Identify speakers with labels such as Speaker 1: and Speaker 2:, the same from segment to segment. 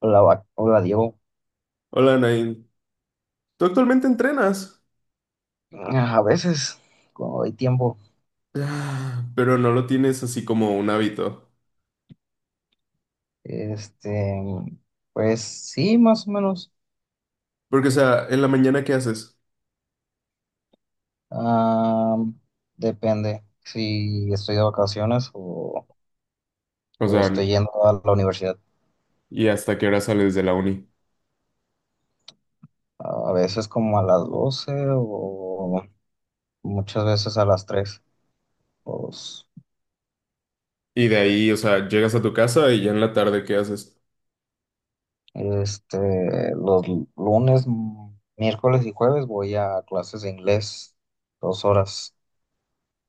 Speaker 1: Hola, hola Diego.
Speaker 2: Hola, Nain. ¿Tú actualmente entrenas?
Speaker 1: A veces, cuando hay tiempo,
Speaker 2: Ah, pero no lo tienes así como un hábito.
Speaker 1: este, pues sí, más o menos.
Speaker 2: Porque, o sea, en la mañana, ¿qué haces?
Speaker 1: Ah, Depende si estoy de vacaciones
Speaker 2: O
Speaker 1: o
Speaker 2: sea,
Speaker 1: estoy yendo a la universidad.
Speaker 2: ¿y hasta qué hora sales de la uni?
Speaker 1: A veces como a las 12 o muchas veces a las tres. Los,
Speaker 2: Y de ahí, o sea, llegas a tu casa y ya en la tarde, ¿qué haces?
Speaker 1: los lunes, miércoles y jueves voy a clases de inglés, dos horas.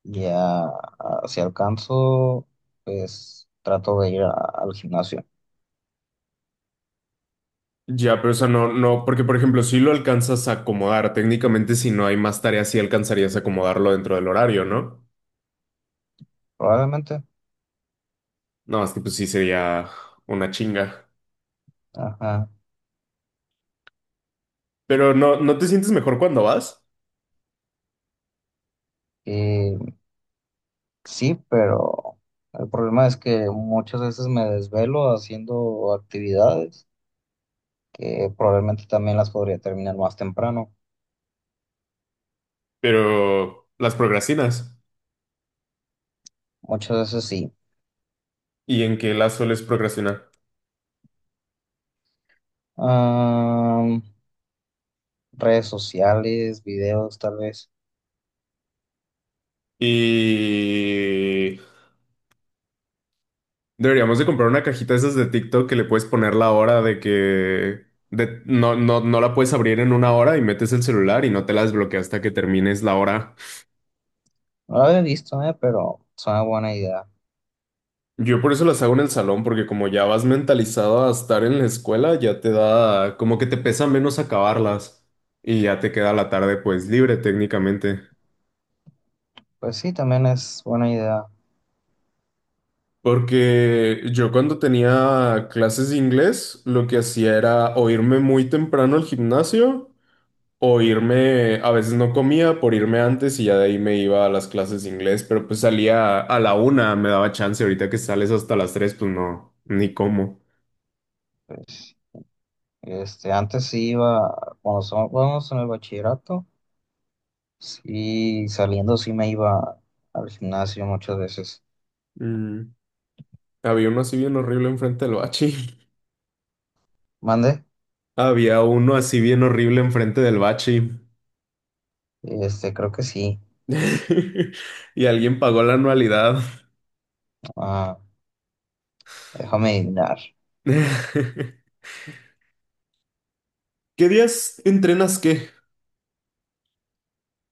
Speaker 1: Ya, si alcanzo, pues trato de ir al gimnasio,
Speaker 2: Ya, pero, o sea, no, no, porque, por ejemplo, si lo alcanzas a acomodar, técnicamente, si no hay más tareas, sí alcanzarías a acomodarlo dentro del horario, ¿no?
Speaker 1: probablemente.
Speaker 2: No, es que pues sí sería una chinga.
Speaker 1: Ajá.
Speaker 2: Pero ¿no, no te sientes mejor cuando vas?
Speaker 1: Y sí, pero el problema es que muchas veces me desvelo haciendo actividades que probablemente también las podría terminar más temprano.
Speaker 2: Pero las procrastinas.
Speaker 1: Muchas veces sí.
Speaker 2: ¿Y en qué la sueles procrastinar?
Speaker 1: Am, redes sociales, videos, tal vez.
Speaker 2: Y deberíamos de comprar una cajita de esas de TikTok que le puedes poner la hora de que no, no, no la puedes abrir en una hora y metes el celular y no te la desbloqueas hasta que termines la hora.
Speaker 1: No lo había visto, pero es una buena idea.
Speaker 2: Yo por eso las hago en el salón, porque como ya vas mentalizado a estar en la escuela, ya te da como que te pesa menos acabarlas y ya te queda la tarde pues libre técnicamente.
Speaker 1: Pues sí, también es buena idea.
Speaker 2: Porque yo cuando tenía clases de inglés, lo que hacía era o irme muy temprano al gimnasio o irme, a veces no comía por irme antes y ya de ahí me iba a las clases de inglés, pero pues salía a la una, me daba chance, ahorita que sales hasta las tres, pues no, ni cómo.
Speaker 1: Antes sí iba, cuando estábamos en el bachillerato, sí, saliendo sí me iba al gimnasio muchas veces.
Speaker 2: Mm. Había uno así bien horrible enfrente del bachi.
Speaker 1: ¿Mande?
Speaker 2: Había uno así bien horrible enfrente del bachi.
Speaker 1: Creo que sí.
Speaker 2: Y alguien pagó la anualidad.
Speaker 1: Ah, déjame adivinar.
Speaker 2: ¿Qué días entrenas qué?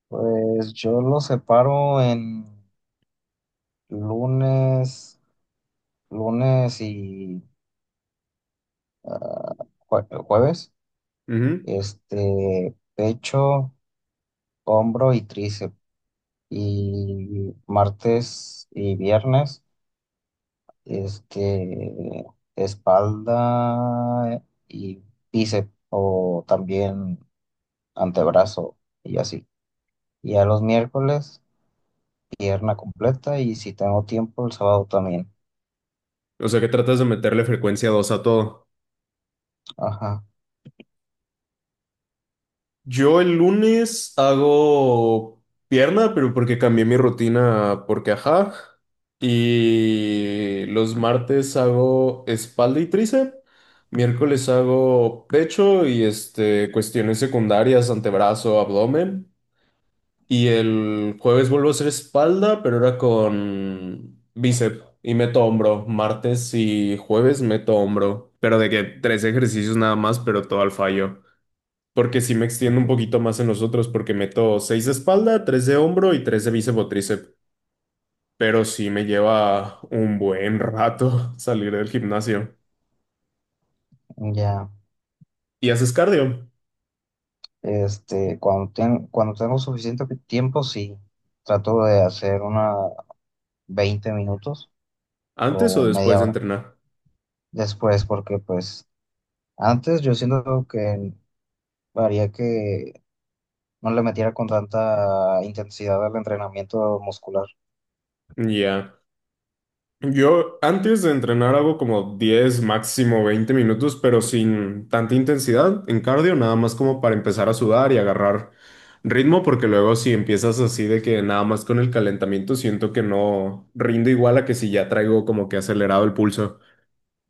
Speaker 1: Pues yo lo separo en lunes, lunes y ah, jueves.
Speaker 2: Ujú.
Speaker 1: Pecho, hombro y tríceps. Y martes y viernes. Es que espalda y bíceps o también antebrazo y así. Y a los miércoles, pierna completa y si tengo tiempo, el sábado también.
Speaker 2: O sea que tratas de meterle frecuencia dos a todo.
Speaker 1: Ajá.
Speaker 2: Yo el lunes hago pierna, pero porque cambié mi rutina, porque ajá. Y los martes hago espalda y tríceps. Miércoles hago pecho y cuestiones secundarias, antebrazo, abdomen. Y el jueves vuelvo a hacer espalda, pero ahora con bíceps y meto hombro. Martes y jueves meto hombro. Pero de que tres ejercicios nada más, pero todo al fallo. Porque sí me
Speaker 1: Eh,
Speaker 2: extiendo un poquito más en los otros, porque meto seis de espalda, tres de hombro y tres de bíceps o tríceps. Pero sí me lleva un buen rato salir del gimnasio.
Speaker 1: ya.
Speaker 2: ¿Y haces cardio?
Speaker 1: Cuando tengo suficiente tiempo, sí, trato de hacer una 20 minutos
Speaker 2: ¿Antes
Speaker 1: o
Speaker 2: o después
Speaker 1: media
Speaker 2: de
Speaker 1: hora
Speaker 2: entrenar?
Speaker 1: después, porque pues antes yo siento que haría que no le metiera con tanta intensidad al entrenamiento muscular.
Speaker 2: Ya. Yo antes de entrenar hago como 10 máximo 20 minutos, pero sin tanta intensidad en cardio, nada más como para empezar a sudar y agarrar ritmo, porque luego si empiezas así de que nada más con el calentamiento siento que no rindo igual a que si ya traigo como que acelerado el pulso.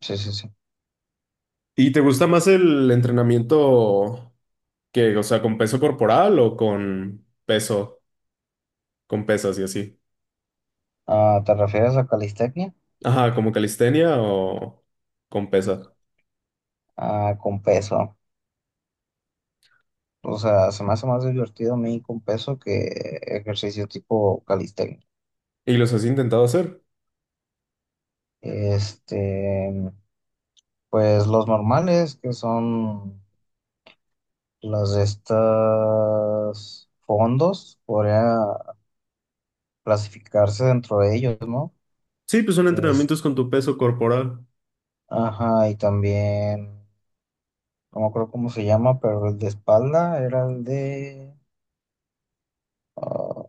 Speaker 1: Sí, sí, sí.
Speaker 2: ¿Y te gusta más el entrenamiento que, o sea, con peso corporal o con peso, con pesas y así?
Speaker 1: Ah, ¿te refieres a calistecnia?
Speaker 2: Ajá, como calistenia o con pesas.
Speaker 1: Ah, con peso. O sea, se me hace más divertido a mí con peso que ejercicio tipo calistecnia.
Speaker 2: ¿Y los has intentado hacer?
Speaker 1: Este, pues los normales, que son las de estas fondos, podría clasificarse dentro de ellos, ¿no?
Speaker 2: Sí, pues son
Speaker 1: Es,
Speaker 2: entrenamientos con tu peso corporal.
Speaker 1: ajá, y también no me acuerdo cómo se llama, pero el de espalda era el de... ah,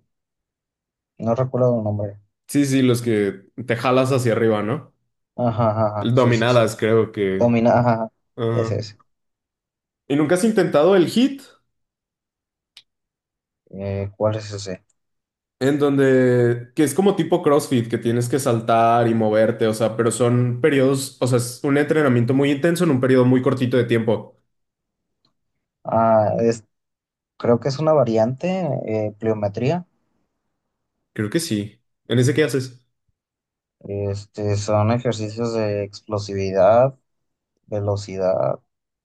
Speaker 1: no recuerdo el nombre.
Speaker 2: Sí, sí, los que te jalas hacia arriba, ¿no?
Speaker 1: Ajá, ajá, ajá,
Speaker 2: El
Speaker 1: sí, sí, sí.
Speaker 2: dominadas, creo que.
Speaker 1: Domina, ajá, ajá, ese
Speaker 2: Ajá.
Speaker 1: es.
Speaker 2: ¿Y nunca has intentado el hit?
Speaker 1: ¿Cuál es ese?
Speaker 2: En donde, que es como tipo CrossFit, que tienes que saltar y moverte, o sea, pero son periodos, o sea, es un entrenamiento muy intenso en un periodo muy cortito de tiempo.
Speaker 1: Ah, es, creo que es una variante, pliometría.
Speaker 2: Creo que sí. ¿En ese qué haces?
Speaker 1: Son ejercicios de explosividad, velocidad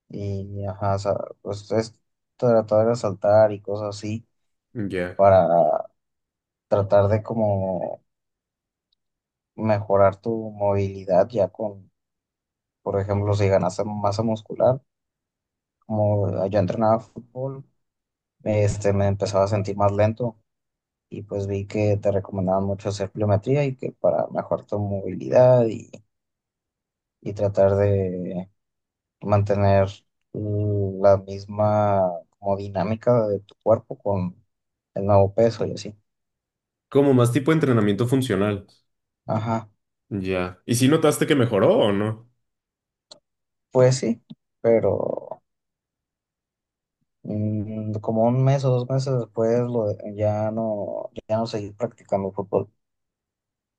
Speaker 1: y, ajá, o sea, pues es tratar de saltar y cosas así
Speaker 2: Ya.
Speaker 1: para tratar de como mejorar tu movilidad ya con... Por ejemplo, si ganase masa muscular, como yo entrenaba fútbol, me empezaba a sentir más lento y pues vi que te recomendaban mucho hacer pliometría y que para mejorar tu movilidad y tratar de mantener la misma como dinámica de tu cuerpo con el nuevo peso y así.
Speaker 2: Como más tipo de entrenamiento funcional.
Speaker 1: Ajá,
Speaker 2: Ya. ¿Y si notaste que mejoró o no?
Speaker 1: pues sí, pero como un mes o dos meses después ya no, ya no seguí practicando fútbol.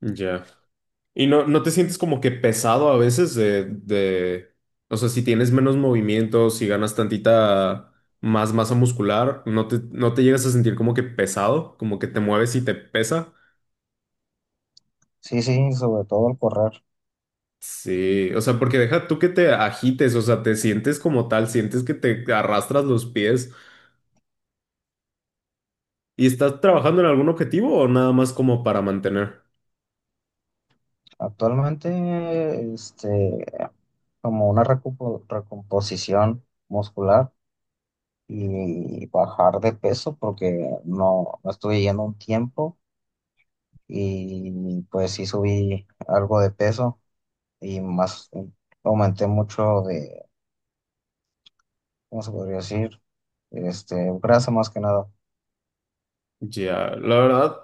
Speaker 2: Ya. ¿Y no, no te sientes como que pesado a veces de, o sea, si tienes menos movimiento, si ganas tantita más masa muscular, no te llegas a sentir como que pesado, como que te mueves y te pesa?
Speaker 1: Sí, sí, sobre todo al correr.
Speaker 2: Sí, o sea, porque deja tú que te agites, o sea, te sientes como tal, sientes que te arrastras los pies y estás trabajando en algún objetivo o nada más como para mantener.
Speaker 1: Actualmente, como una recomposición muscular y bajar de peso porque no, no estuve yendo un tiempo y pues sí subí algo de peso y más aumenté mucho de, ¿cómo se podría decir? Grasa más que nada.
Speaker 2: Ya, la verdad,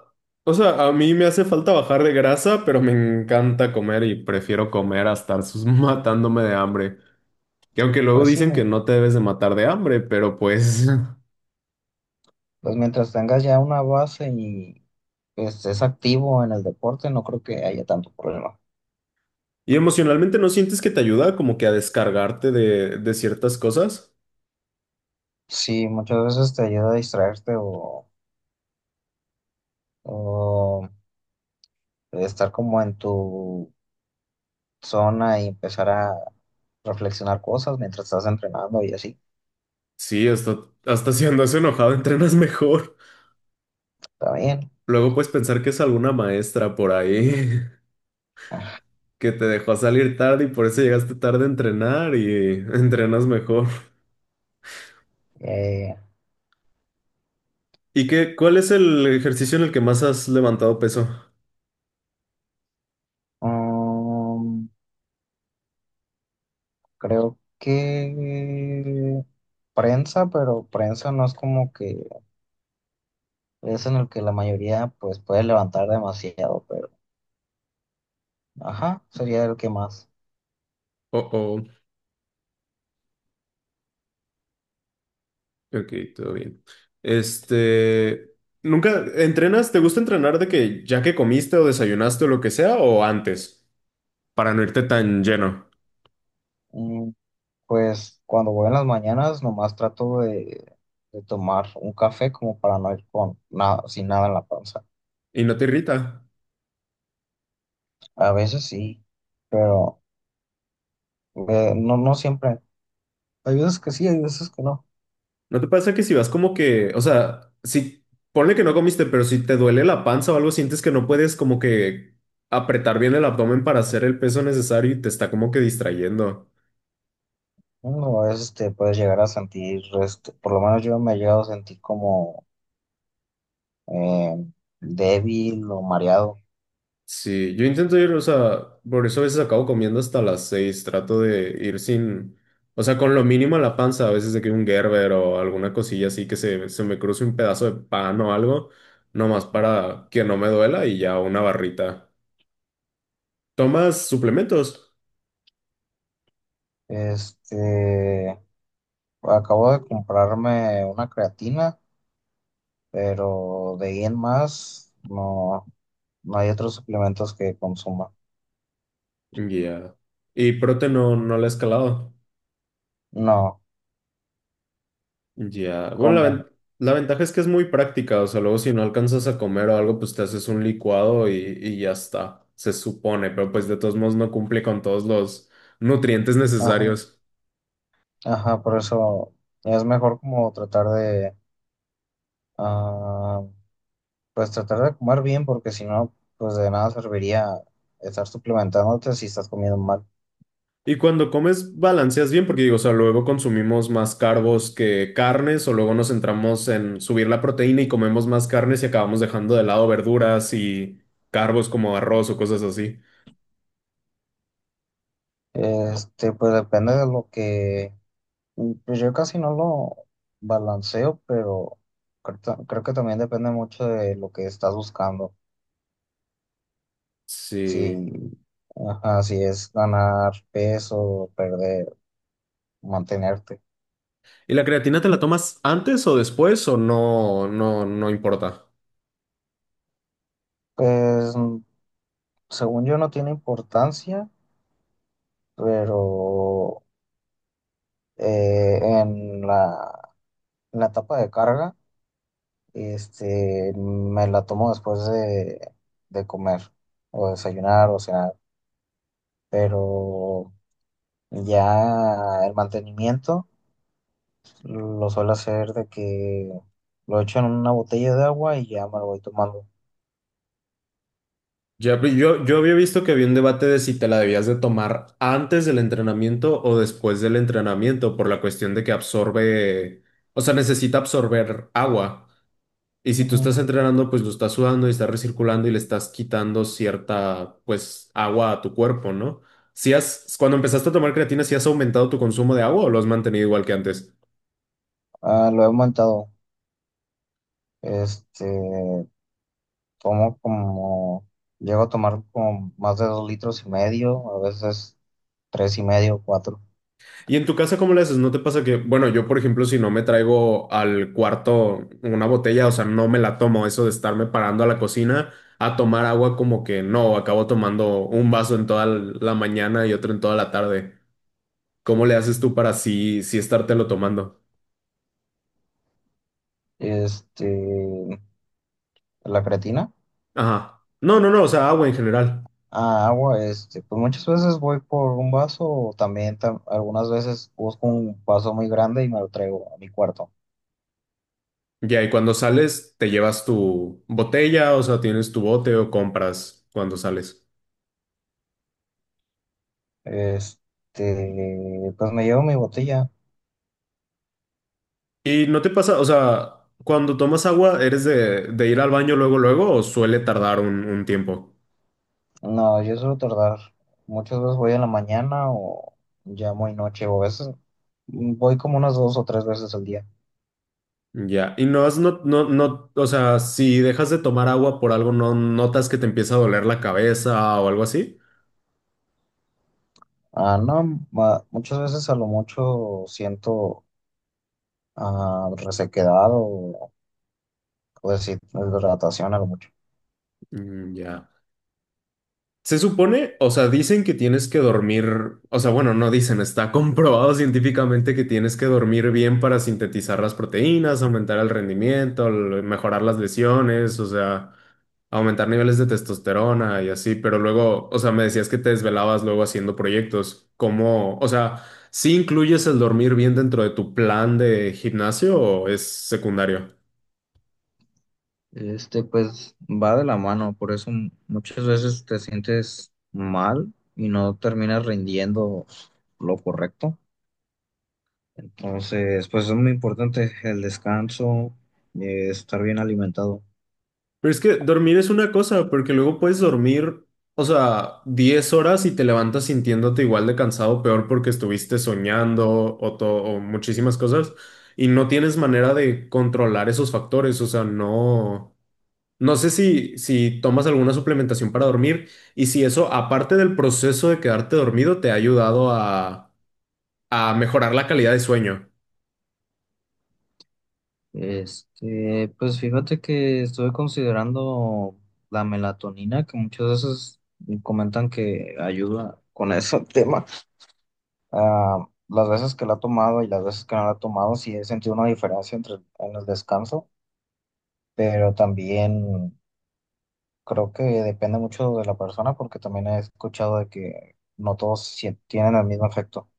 Speaker 2: o sea, a mí me hace falta bajar de grasa, pero me encanta comer y prefiero comer a estar matándome de hambre. Que aunque luego
Speaker 1: Pues sí,
Speaker 2: dicen que no te debes de matar de hambre, pero pues
Speaker 1: pues mientras tengas ya una base y estés activo en el deporte, no creo que haya tanto problema.
Speaker 2: ¿Y emocionalmente no sientes que te ayuda como que a descargarte de ciertas cosas?
Speaker 1: Sí, muchas veces te ayuda a distraerte o estar como en tu zona y empezar a reflexionar cosas mientras estás entrenando y así.
Speaker 2: Sí, hasta si andas enojado entrenas mejor.
Speaker 1: Está bien.
Speaker 2: Luego puedes pensar que es alguna maestra por ahí que te dejó salir tarde y por eso llegaste tarde a entrenar y entrenas mejor.
Speaker 1: Eh,
Speaker 2: ¿Y qué, cuál es el ejercicio en el que más has levantado peso?
Speaker 1: mm, creo que prensa, pero prensa no es como que es en el que la mayoría pues puede levantar demasiado, pero ajá, sería el que más.
Speaker 2: Oh, oh, ok, todo bien. Este, ¿Nunca entrenas? ¿Te gusta entrenar de que ya que comiste o desayunaste o lo que sea o antes para no irte tan lleno
Speaker 1: Mm. Pues cuando voy en las mañanas, nomás trato de tomar un café como para no ir con nada, sin nada en la panza.
Speaker 2: y no te irrita?
Speaker 1: A veces sí, pero no, no siempre. Hay veces que sí, hay veces que no.
Speaker 2: ¿No te pasa que si vas como que, o sea, si ponle que no comiste, pero si te duele la panza o algo, sientes que no puedes como que apretar bien el abdomen para hacer el peso necesario y te está como que distrayendo?
Speaker 1: Uno a veces te puedes llegar a sentir, por lo menos yo me he llegado a sentir como eh, débil o mareado.
Speaker 2: Sí, yo intento ir, o sea, por eso a veces acabo comiendo hasta las seis, trato de ir sin, o sea, con lo mínimo a la panza, a veces de que un Gerber o alguna cosilla así que se me cruce un pedazo de pan o algo, nomás para que no me duela y ya una barrita. ¿Tomas suplementos?
Speaker 1: Este, acabo de comprarme una creatina, pero de ahí en más, no. No hay otros suplementos que consuma.
Speaker 2: Ya. ¿Y prote no, no la he escalado?
Speaker 1: No,
Speaker 2: Ya, bueno,
Speaker 1: como,
Speaker 2: la ventaja es que es muy práctica, o sea, luego si no alcanzas a comer o algo, pues te haces un licuado y ya está, se supone, pero pues de todos modos no cumple con todos los nutrientes
Speaker 1: ajá,
Speaker 2: necesarios.
Speaker 1: ajá, por eso es mejor como tratar de, ah, pues tratar de comer bien, porque si no, pues de nada serviría estar suplementándote si estás comiendo mal.
Speaker 2: ¿Y cuando comes balanceas bien? Porque digo, o sea, luego consumimos más carbos que carnes, o luego nos centramos en subir la proteína y comemos más carnes y acabamos dejando de lado verduras y carbos como arroz o cosas así.
Speaker 1: Pues depende de lo que, pues yo casi no lo balanceo, pero creo que también depende mucho de lo que estás buscando.
Speaker 2: Sí.
Speaker 1: Si, ajá, si es ganar peso, perder, mantenerte.
Speaker 2: ¿Y la creatina te la tomas antes o después o no, no, no importa?
Speaker 1: Pues según yo no tiene importancia, pero eh, en la, en la etapa de carga, me la tomo después de comer o desayunar o cenar, pero ya el mantenimiento lo suelo hacer de que lo echo en una botella de agua y ya me lo voy tomando.
Speaker 2: Ya, pero yo había visto que había un debate de si te la debías de tomar antes del entrenamiento o después del entrenamiento por la cuestión de que absorbe, o sea, necesita absorber agua. Y si tú
Speaker 1: Ujú.
Speaker 2: estás entrenando, pues lo estás sudando y estás recirculando y le estás quitando cierta, pues, agua a tu cuerpo, ¿no? Si has, ¿Cuando empezaste a tomar creatina, si has aumentado tu consumo de agua o lo has mantenido igual que antes?
Speaker 1: Ah, lo he aumentado, este, tomo como, llego a tomar como más de 2,5 litros, a veces tres y medio, cuatro.
Speaker 2: ¿Y en tu casa cómo le haces? ¿No te pasa que, bueno, yo por ejemplo, si no me traigo al cuarto una botella, o sea, no me la tomo, eso de estarme parando a la cocina a tomar agua como que no, acabo tomando un vaso en toda la mañana y otro en toda la tarde? ¿Cómo le haces tú para sí, sí estártelo tomando?
Speaker 1: Este, la creatina.
Speaker 2: Ajá. No, no, no, o sea, agua en general.
Speaker 1: A agua, pues muchas veces voy por un vaso o también algunas veces busco un vaso muy grande y me lo traigo a mi cuarto.
Speaker 2: Ya, y cuando sales, ¿te llevas tu botella, o sea, tienes tu bote o compras cuando sales?
Speaker 1: Pues me llevo mi botella.
Speaker 2: ¿Y no te pasa, o sea, cuando tomas agua, eres de ir al baño luego, luego, o suele tardar un tiempo?
Speaker 1: No, yo suelo tardar. Muchas veces voy en la mañana o ya muy noche o a veces voy como unas dos o tres veces al día.
Speaker 2: Ya, y no has, no, no, no, o sea, si dejas de tomar agua por algo, ¿no notas que te empieza a doler la cabeza o algo así?
Speaker 1: Ah, no, muchas veces a lo mucho siento resequedad o deshidratación a lo mucho.
Speaker 2: Mm, ya. Se supone, o sea, dicen que tienes que dormir, o sea, bueno, no dicen, está comprobado científicamente que tienes que dormir bien para sintetizar las proteínas, aumentar el rendimiento, mejorar las lesiones, o sea, aumentar niveles de testosterona y así, pero luego, o sea, me decías que te desvelabas luego haciendo proyectos, ¿cómo, o sea, sí incluyes el dormir bien dentro de tu plan de gimnasio o es secundario?
Speaker 1: Pues va de la mano, por eso muchas veces te sientes mal y no terminas rindiendo lo correcto. Entonces, pues es muy importante el descanso, estar bien alimentado.
Speaker 2: Pero es que dormir es una cosa, porque luego puedes dormir, o sea, 10 horas y te levantas sintiéndote igual de cansado, peor porque estuviste soñando o muchísimas cosas, y no tienes manera de controlar esos factores, o sea, no, no sé si tomas alguna suplementación para dormir y si eso, aparte del proceso de quedarte dormido, te ha ayudado a mejorar la calidad de sueño.
Speaker 1: Pues fíjate que estuve considerando la melatonina, que muchas veces comentan que ayuda con ese tema. Ah, las veces que la he tomado y las veces que no la he tomado, sí he sentido una diferencia entre en el descanso, pero también creo que depende mucho de la persona, porque también he escuchado de que no todos tienen el mismo efecto.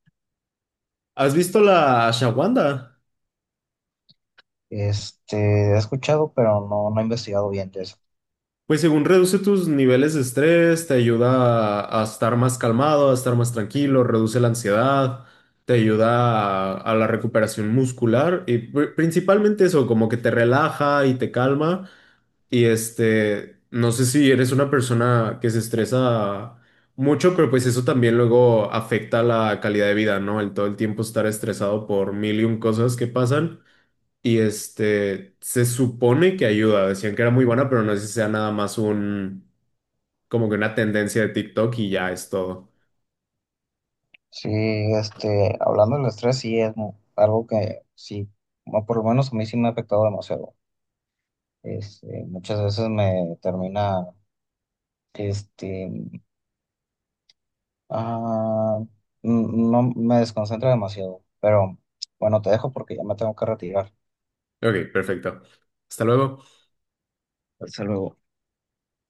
Speaker 2: ¿Has visto la Shawanda?
Speaker 1: Este, he escuchado, pero no, no he investigado bien de eso.
Speaker 2: Pues según reduce tus niveles de estrés, te ayuda a estar más calmado, a estar más tranquilo, reduce la ansiedad, te ayuda a la recuperación muscular y principalmente eso, como que te relaja y te calma. Y no sé si eres una persona que se estresa mucho, pero pues eso también luego afecta la calidad de vida, ¿no? El todo el tiempo estar estresado por mil y un cosas que pasan. Y se supone que ayuda, decían que era muy buena, pero no sé si sea nada más como que una tendencia de TikTok y ya es todo.
Speaker 1: Sí, hablando del estrés, sí es algo que sí, bueno, por lo menos a mí sí me ha afectado demasiado. Muchas veces me termina, este, ah, no me desconcentra demasiado, pero bueno, te dejo porque ya me tengo que retirar.
Speaker 2: Ok, perfecto. Hasta luego.
Speaker 1: Hasta luego.